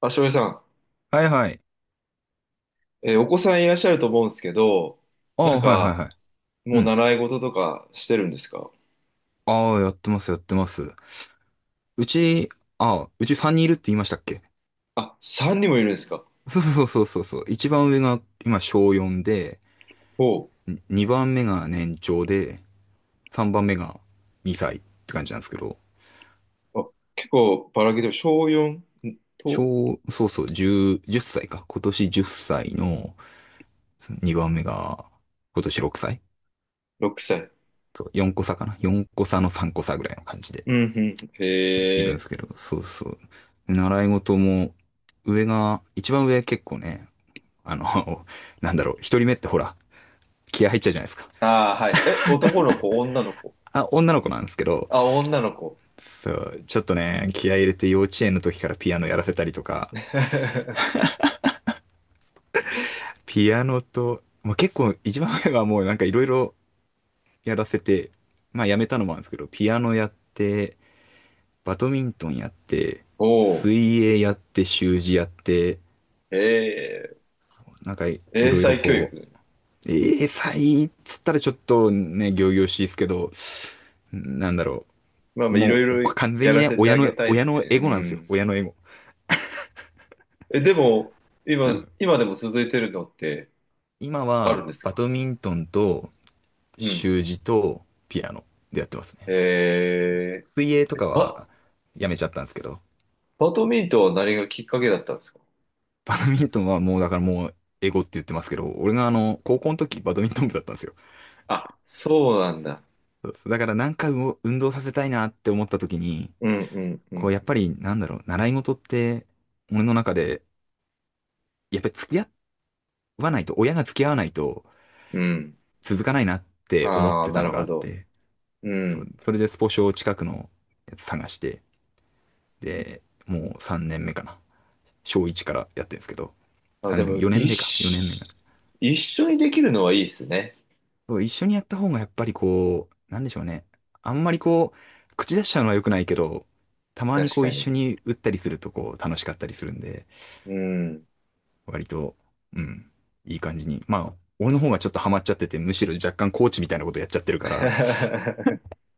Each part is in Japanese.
あ、翔平さん、はいはい。お子さんいらっしゃると思うんですけど、あなあ、んはいはいか、はい。うもうん。習い事とかしてるんですか？ああ、やってます、やってます。うち、ああ、うち3人いるって言いましたっけ？あ、3人もいるんですか？そうそうそうそうそう。一番上が今小4で、おう。2番目が年長で、3番目が2歳って感じなんですけど、あ、結構ばらけてる。小4小、とそうそう、10、歳か。今年10歳の2番目が今年6歳。6歳。そう、4個差かな？ 4 個差の3個差ぐらいの感じでうん、うん。いへるんでえ。すけど、そうそう。習い事も、上が、一番上結構ね、あの、なんだろう、一人目ってほら、気合入っちゃうじゃないですか。ああ、はい。え、男の子、女の子？あ、女の子なんですけど、あ、女の子。そう、ちょっとね、気合入れて幼稚園の時からピアノやらせたりとか、ピアノと、まあ、結構一番前はもうなんかいろいろやらせて、まあやめたのもあるんですけど、ピアノやって、バドミントンやって、おお。水泳やって、習字やって、へえ。なんかい英ろいろ才教こ育。う、ええー、才っつったらちょっとね、仰々しいですけど、なんだろまあう、まあ、いろもういろ完全やにらね、せて親あげの、たいっ親のて。エうゴなんですよ。ん。親のエゴ。え、でも、う今、ん、今でも続いてるのって今あは、るんですバか？ドミントンと、うん。習字と、ピアノでやってますね。え水泳とー、かバ、は、やめちゃったんですけど、バドミントンは何がきっかけだったんですか？バドミントンはもう、だからもう、エゴって言ってますけど、俺が高校の時、バドミントン部だったんですよ。あ、そうなんだ。そうですだから、なんかう運動させたいなって思った時に、うんうんうこん。う、やっぱり、なんだろう、習い事って、俺の中で、やっぱり付き合わないと、親が付き合わないと、うん。続かないなって思っああ、てたなのるがほあっど。て、うん。それでスポ少近くのやつ探して、で、もう3年目かな。小1からやってるんですけど、あ、で3年も、目、4年一目か、4年目にな緒、る。一緒にできるのはいいですね。そう一緒にやった方がやっぱりこう、なんでしょうね。あんまりこう、口出しちゃうのは良くないけど、たまに確こうか一に。緒に打ったりするとこう楽しかったりするんで、うん。割と、うん、いい感じに。まあ、俺の方がちょっとハマっちゃってて、むしろ若干コーチみたいなことやっちゃってるから、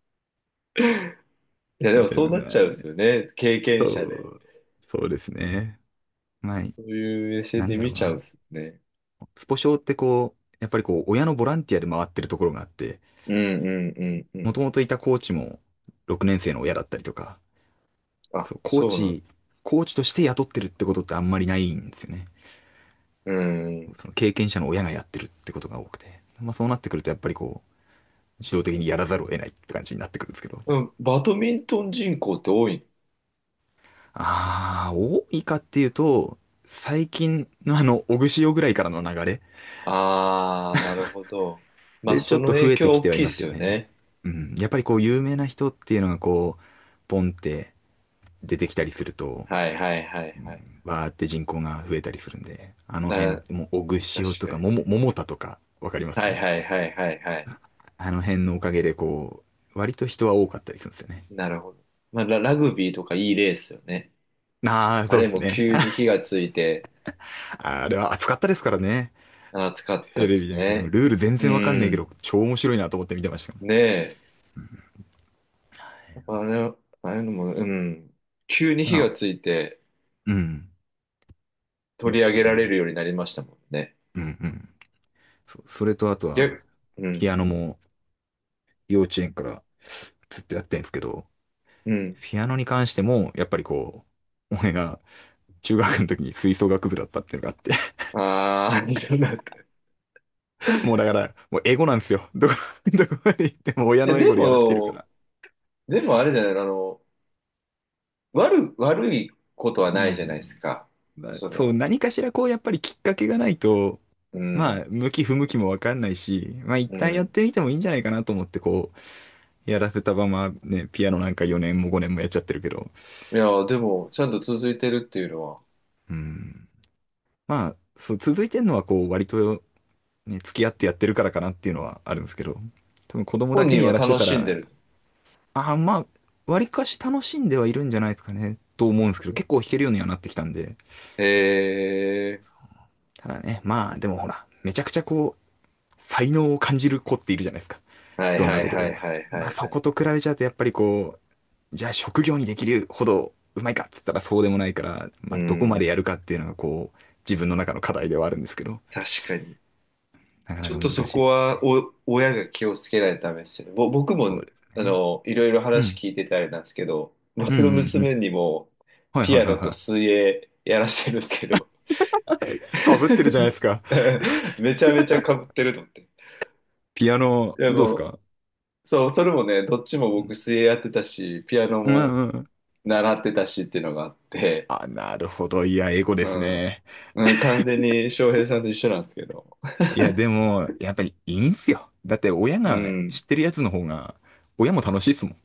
いや、でえもそうなっちゃうんでーすよね。経験そ者で。う、そうですね。まあ、そういう目線なんでだろ見うちゃうんな。ですよね。スポ少ってこう、やっぱりこう、親のボランティアで回ってるところがあって、うんうんうんうもん。ともといたコーチも6年生の親だったりとか、あ、そう、そうなんだ。コーチとして雇ってるってことってあんまりないんですよね。うん。その経験者の親がやってるってことが多くて。まあそうなってくるとやっぱりこう、自動的にやらざるを得ないって感じになってくるんですけど。うん。バドミントン人口って多い？ああ、多いかっていうと、最近のオグシオぐらいからの流れああ、なるほど。まあ、でちょそっのと増影えて響き大てはきいいでますすよよね。ね。うん。やっぱりこう、有名な人っていうのがこう、ポンって出てきたりすると、はいはいはういはい。んわーって人口が増えたりするんで、あの辺、な、もう、オグ確シとかか、にね。桃田とか、わかりまはす？いはいはいはいはい。あの辺のおかげで、こう、割と人は多かったりするんですよね。なるほど。まあ、ラグビーとかいい例ですよね。ああ、あそうでれすもね。急あ、に火がついて、あれは暑かったですからね。暑かっテたでレビすで見てても、ね。ルール全う然わかんねえけん。ど、超面白いなと思って見てましたもねえ。やっぱあれ、ああいうのも、うん、急にん。火あ、がついてうん。いい取っり上すげよられるね。ようになりましたもんね。うんうん。それとあとは、逆、うピん。アノも幼稚園からずっとやってんですけど、うん。ピアノに関しても、やっぱりこう、俺が中学の時に吹奏楽部だったっていうのがあって、ああ、そうだった。いもうだから、もうエゴなんですよ。どこ、どこまで行っても親や、のエでゴでやらしてるかも、ら。でもあれじゃない、悪いことはうないじゃないですん。か。まあ、そそう、の、何かしらこう、やっぱりきっかけがないと、うまあ、ん、向き不向きもわかんないし、まあ一う旦やっん。てみてもいいんじゃないかなと思って、こう、やらせたままね、ピアノなんか4年も5年もやっちゃってるけど、いや、でも、ちゃんと続いてるっていうのは、うん。まあ、そう、続いてんのはこう、割とね、付き合ってやってるからかなっていうのはあるんですけど、多分子供だ本け人にはやらして楽たしんでら、る？あ、まあ、割かし楽しんではいるんじゃないですかね、と思うんですけど、結構弾けるようにはなってきたんで。へえ、ただね、まあ、でもほら、めちゃくちゃこう、才能を感じる子っているじゃないですか。はいどんはないことではいも。はいはまあ、いはそこい。と比べちゃうと、やっぱりこう、じゃあ職業にできるほどうまいかっつったらそうでもないから、うまあ、どこまでやん、るかっていうのがこう、自分の中の課題ではあるんですけど、確かに。なかなちょかっ難としいでそすよこは、ね。親が気をつけないとダメですよね。僕そも、うですね。いろいろう話ん。聞いててあれなんですけど、うんう僕のんう娘ん。にも、はいはピいアはいノとは水泳やらせるんですけど、い。かぶってるじゃないですか。めちゃめちゃ被ってると思って。ピアノ、でどうですもう、か？そう、それもね、どっちもう僕ん水泳やってたし、ピアノうもんうん、習ってたしっていうのがあって、あ、なるほど。いや、エゴでうすん。ね。うん、完全に翔平さんと一緒なんですけど。いや、でも、やっぱりいいんすよ。だって親 うがん。知ってるやつの方が、親も楽しいっすもん。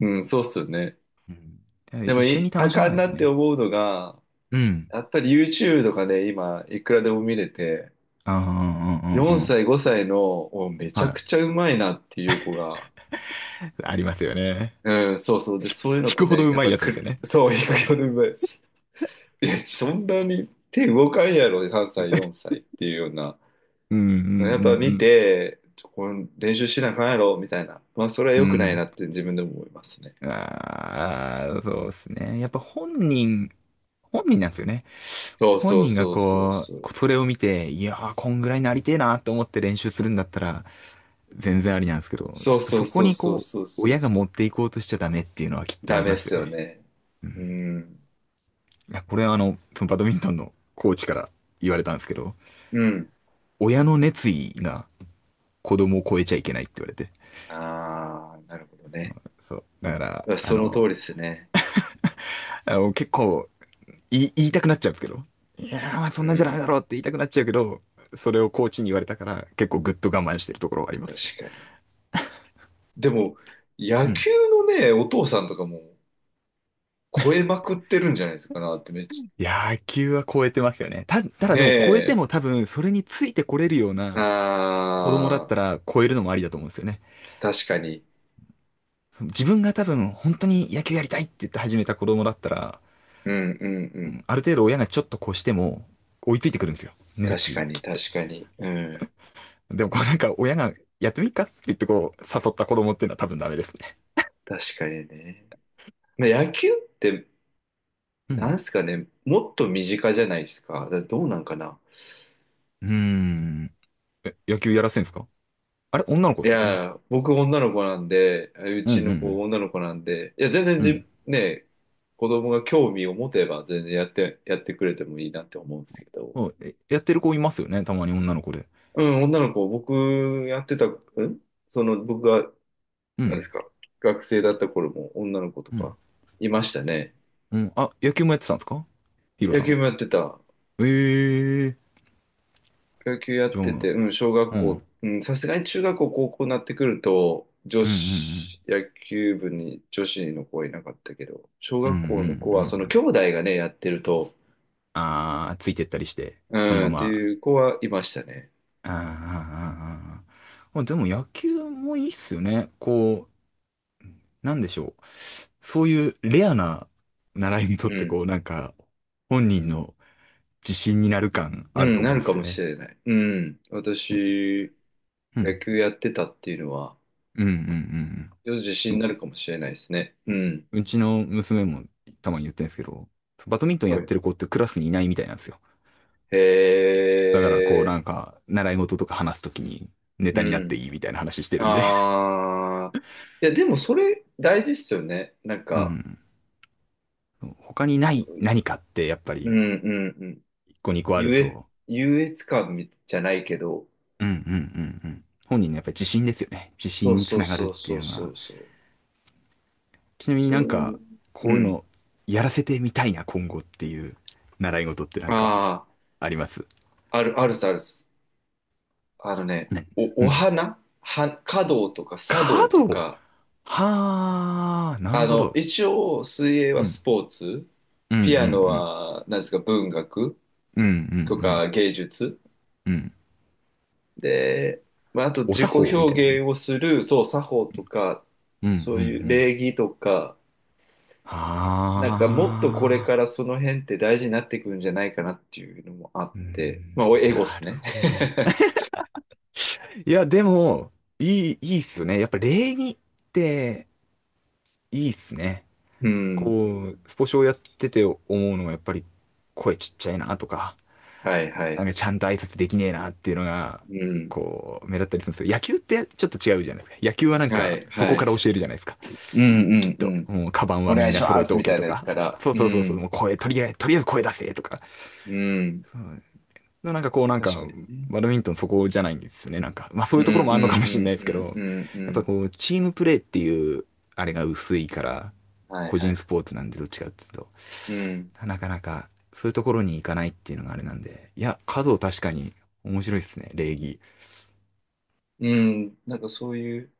うん、そうっすよね。うん。だからで一も緒にい、楽あしまかなんいなとってね。思うのが、うん。やっぱり YouTube とかね、今、いくらでも見れて、ああ、うんうんうん4うん。歳、5歳の、おめちはゃい。くちゃうまいなっていう子が、ありますよね。うん、そうそう。で、そういうの引とくほどね、うやっまいぱやつですよく、ね。そう、いくらでもうまい。いや、そんなに手動かんやろ、3歳、4 歳っていうような。うんうんうやっぱ見んて、ちょこれ練習しなあかんやろ、みたいな。まあ、それはう良くないん。なって自分でも思いますね。うん。ああ、そうですね。やっぱ本人、本人なんですよね。そう本そう人がそうそうこう、そう。こうそれを見て、いやー、こんぐらいなりてえなと思って練習するんだったら、全然ありなんですけど、そうそうそこそうにそうこそうう、そう親がそ持う。っていこうとしちゃダメっていうのはきっとあダりメっますすよよね。ね。うん。いうん。や、これはそのバドミントンのコーチから言われたんですけど、うん。親の熱意が子供を超えちゃいけないって言われて。ああ、なるほどね。そう。だから、あその通りの、ですね。あの結構言いたくなっちゃうんですけど、いやー、そうんなんじゃダメだろん。うって言いたくなっちゃうけど、それをコーチに言われたから、結構ぐっと我慢してるところはありま確すね。かに。でも、う野ん。球のね、お父さんとかも超えまくってるんじゃないですかなってめっち野球は超えてますよね。たゃ。だねでも超えてえ。も多分それについてこれるような子供だっあたあ、ら超えるのもありだと思うんですよね。確かに。自分が多分本当に野球やりたいって言って始めた子供だったら、うんうんううん。んある程度親がちょっと越しても追いついてくるんですよ。熱確意かがに、きっ確と。かに。うん。でもこうなんか親がやってみっかって言ってこう誘った子供っていうのは多分ダメですね。確かにね。まあ、野球って、うなん。んすかね、もっと身近じゃないですか。だどうなんかな。うーん。え、野球やらせんすか？あれ女の子いですもんね。や、僕女の子なんで、ううんうちんの子う女の子なんで、いや、全然ん。うんね、子供が興味を持てば全然やってくれてもいいなって思うんですけど。そう。えやってる子いますよね。たまに女の子で。うん、女の子、僕やってた、んその僕がうなんん。ですか。学生だった頃も女の子とうん。かいましたね。うん。あ、野球もやってたんですか？ヒロ野さん。球もやってた。ええー。野球やじっゃあ、うてん。て、うん、小学うんう校、んうん、さすがに中学校、高校になってくると、女うん。子、野球部に女子の子はいなかったけど、小うんう学んう校の子は、その兄ん。弟がね、やってると、ああ、ついてったりして、うそのまん、ってま。いう子はいましたね。あーあー、あーあでも野球もいいっすよね。こう、なんでしょう。そういうレアな習い事っうてこん。う、なんか、本人の自信になる感うあるとん、思なうんるでかすもよしね。れない。うん。私、う野ん。球やってたっていうのは、うんうん自信うんうになん。るかもしれないですね。うん。うちの娘もたまに言ってるんですけど、バドミントンやはっい。てる子ってクラスにいないみたいなんですよ。へだからこうえ、なんか、習い事とか話すときにネうタになってん。いいみたいな話してるんで。ああ。いや、でもそれ大事っすよね。なんうか、ん。他にない何かってやっぱうりんうんうん。1個2個ある優越、と、優越感みじゃないけど、うんうんうんうん、本人のやっぱり自信ですよね。自そ信うにつそうながるっそうていそううのそが。うそう。ちなみになんそういか、う。うこういうん。のやらせてみたいな今後っていう習い事ってなんかあありますあ、ある、あるさ、あるっす。あのね、ね。お、うおん。花は、華道とか茶華道と道、か、はあ、なるほど。一応、水泳うはん。スポーツ、うんうんうピアノん。は、なんですか、文学うんうんうとん。か芸術。うん。で、まあ、あとお自己作法みたいな感じ。表現をする、そう、作法とか、うんうんうそういうん。礼儀とか、なんかもっとこれあかあ。らその辺って大事になってくるんじゃないかなっていうのもあっうて、ん、まあ、おエゴっなするね。ほど。いや、でも、いいっすよね。やっぱ礼儀っていいっすね。うん。こう、スポ少やってて思うのはやっぱり声ちっちゃいなとか、はいはないんはかちい。ゃんと挨拶できねえなっていうのが、うん。こう、目立ったりするんですよ。野球ってちょっと違うじゃないですか。野球はなんはかいそこはから教えい。るじゃないですか。うんうきっんうと、ん。もうカバンおはみ願んいしな揃まえてすおみたけいとなやつか、から。そううそうそうそう、ん。もう声、とりあえず声出せとか、うん。そうのなんか確かにね。バドミントンそこじゃないんですよね。なんか、まあうそういんううところもあるのかんもうしれなんいですうけんど、うんうやっぱん。こう、チームプレーっていう、あれが薄いから、はい個は人い。スポーツなんでどっちかっていうと、うん。なかなかそういうところに行かないっていうのがあれなんで、いや、数を確かに面白いですね、礼儀。うん。なんかそういう。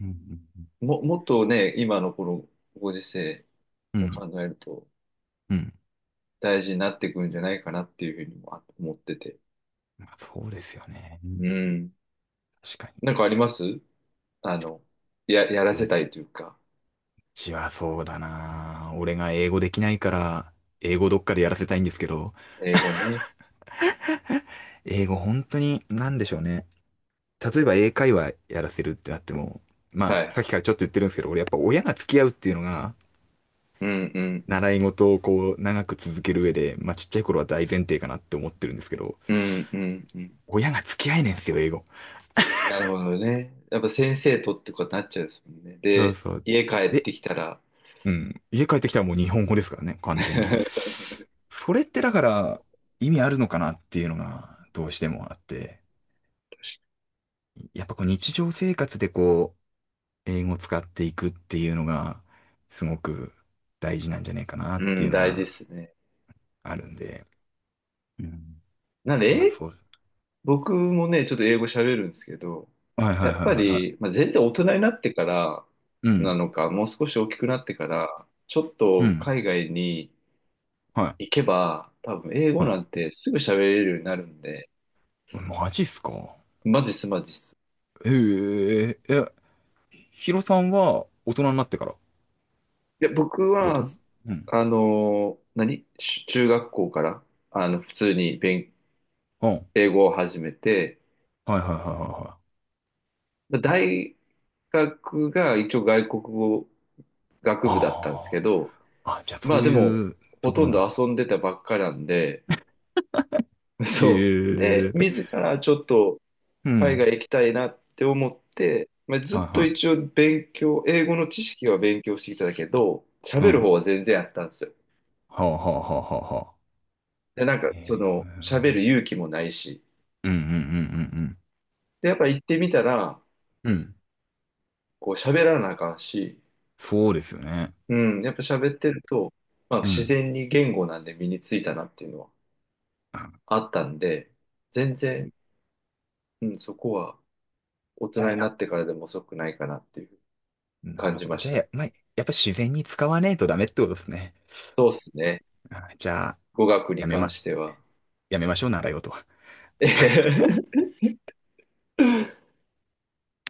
うんもっとね、今のこのご時世うんうがん、考えるとうん。大事になってくるんじゃないかなっていうふうにもあ思ってて。まあ、そうですよね。ううん、ん。確かなんかあります？あの、や、やらに。せうたいというか、ちはそうだな。俺が英語できないから、英語どっかでやらせたいんですけど、英語ね。英語本当に何でしょうね。例えば英会話やらせるってなっても、まあ、はい。さっきからちょっと言ってるんですけど、俺やっぱ親が付き合うっていうのが、うんうんうん。習い事をこう、長く続ける上で、まあちっちゃい頃は大前提かなって思ってるんですけど、うんうんうん。親が付き合えねえんですよ、英語。なるほどね。やっぱ先生とってことになっちゃうんですもんね。そうで、そう。家帰っで、てきたら、うん、家帰ってきたらもう日本語ですからね、完全に。それってだから、意味あるのかなっていうのが、どうしてもあって、やっぱこう日常生活でこう、英語を使っていくっていうのが、すごく大事なんじゃねえかなっうていん、うの大事でが、すね。あるんで、うん、なんで、まあ英、そうです。僕もね、ちょっと英語喋るんですけど、はいはやいっはいぱはいはり、まあ、全然大人になってからい。うなん。のか、もう少し大きくなってから、ちょっうとん。海外には行けば、多分英い。語なはんてすぐ喋れるようになるんで、い。マジっすか、マジっすマジっす。えええ、ヒロさんは大人になってからっいや、僕てこは、と、うん。何し中学校から、普通にうん。はい英語を始めて、はいはいはいはい。大学が一応外国語学部だったんですあけど、あ。あ、じゃあまそあうでも、いうとほことろんなんどだ。遊んでたばっかなんで、えそう。で、え、自らちょっとう海ん。外行きたいなって思って、まあ、ずっはいとは一応勉強、英語の知識は勉強してきたんだけど、い。う喋ん。るは方は全然あったんですよ。あはあはあはあはあ。で、なんか、えその、喋え、る勇気もないし。うんうんうんうんで、やっぱ行ってみたら、うん。うん。こう喋らなあかんし、そうですよね。うん、やっぱ喋ってると、まあう自ん。然に言語なんで身についたなっていうのはあ、あったんで、全然、うん、そこは、大じゃあ、人になってからでも遅くないかなっていうな感るじほど。まじしゃあ、た。まあ、やっぱり自然に使わねえとダメってことですね。そうっすね。あじゃあ、語学やにめ関ま、しては。やめましょう、習い事は。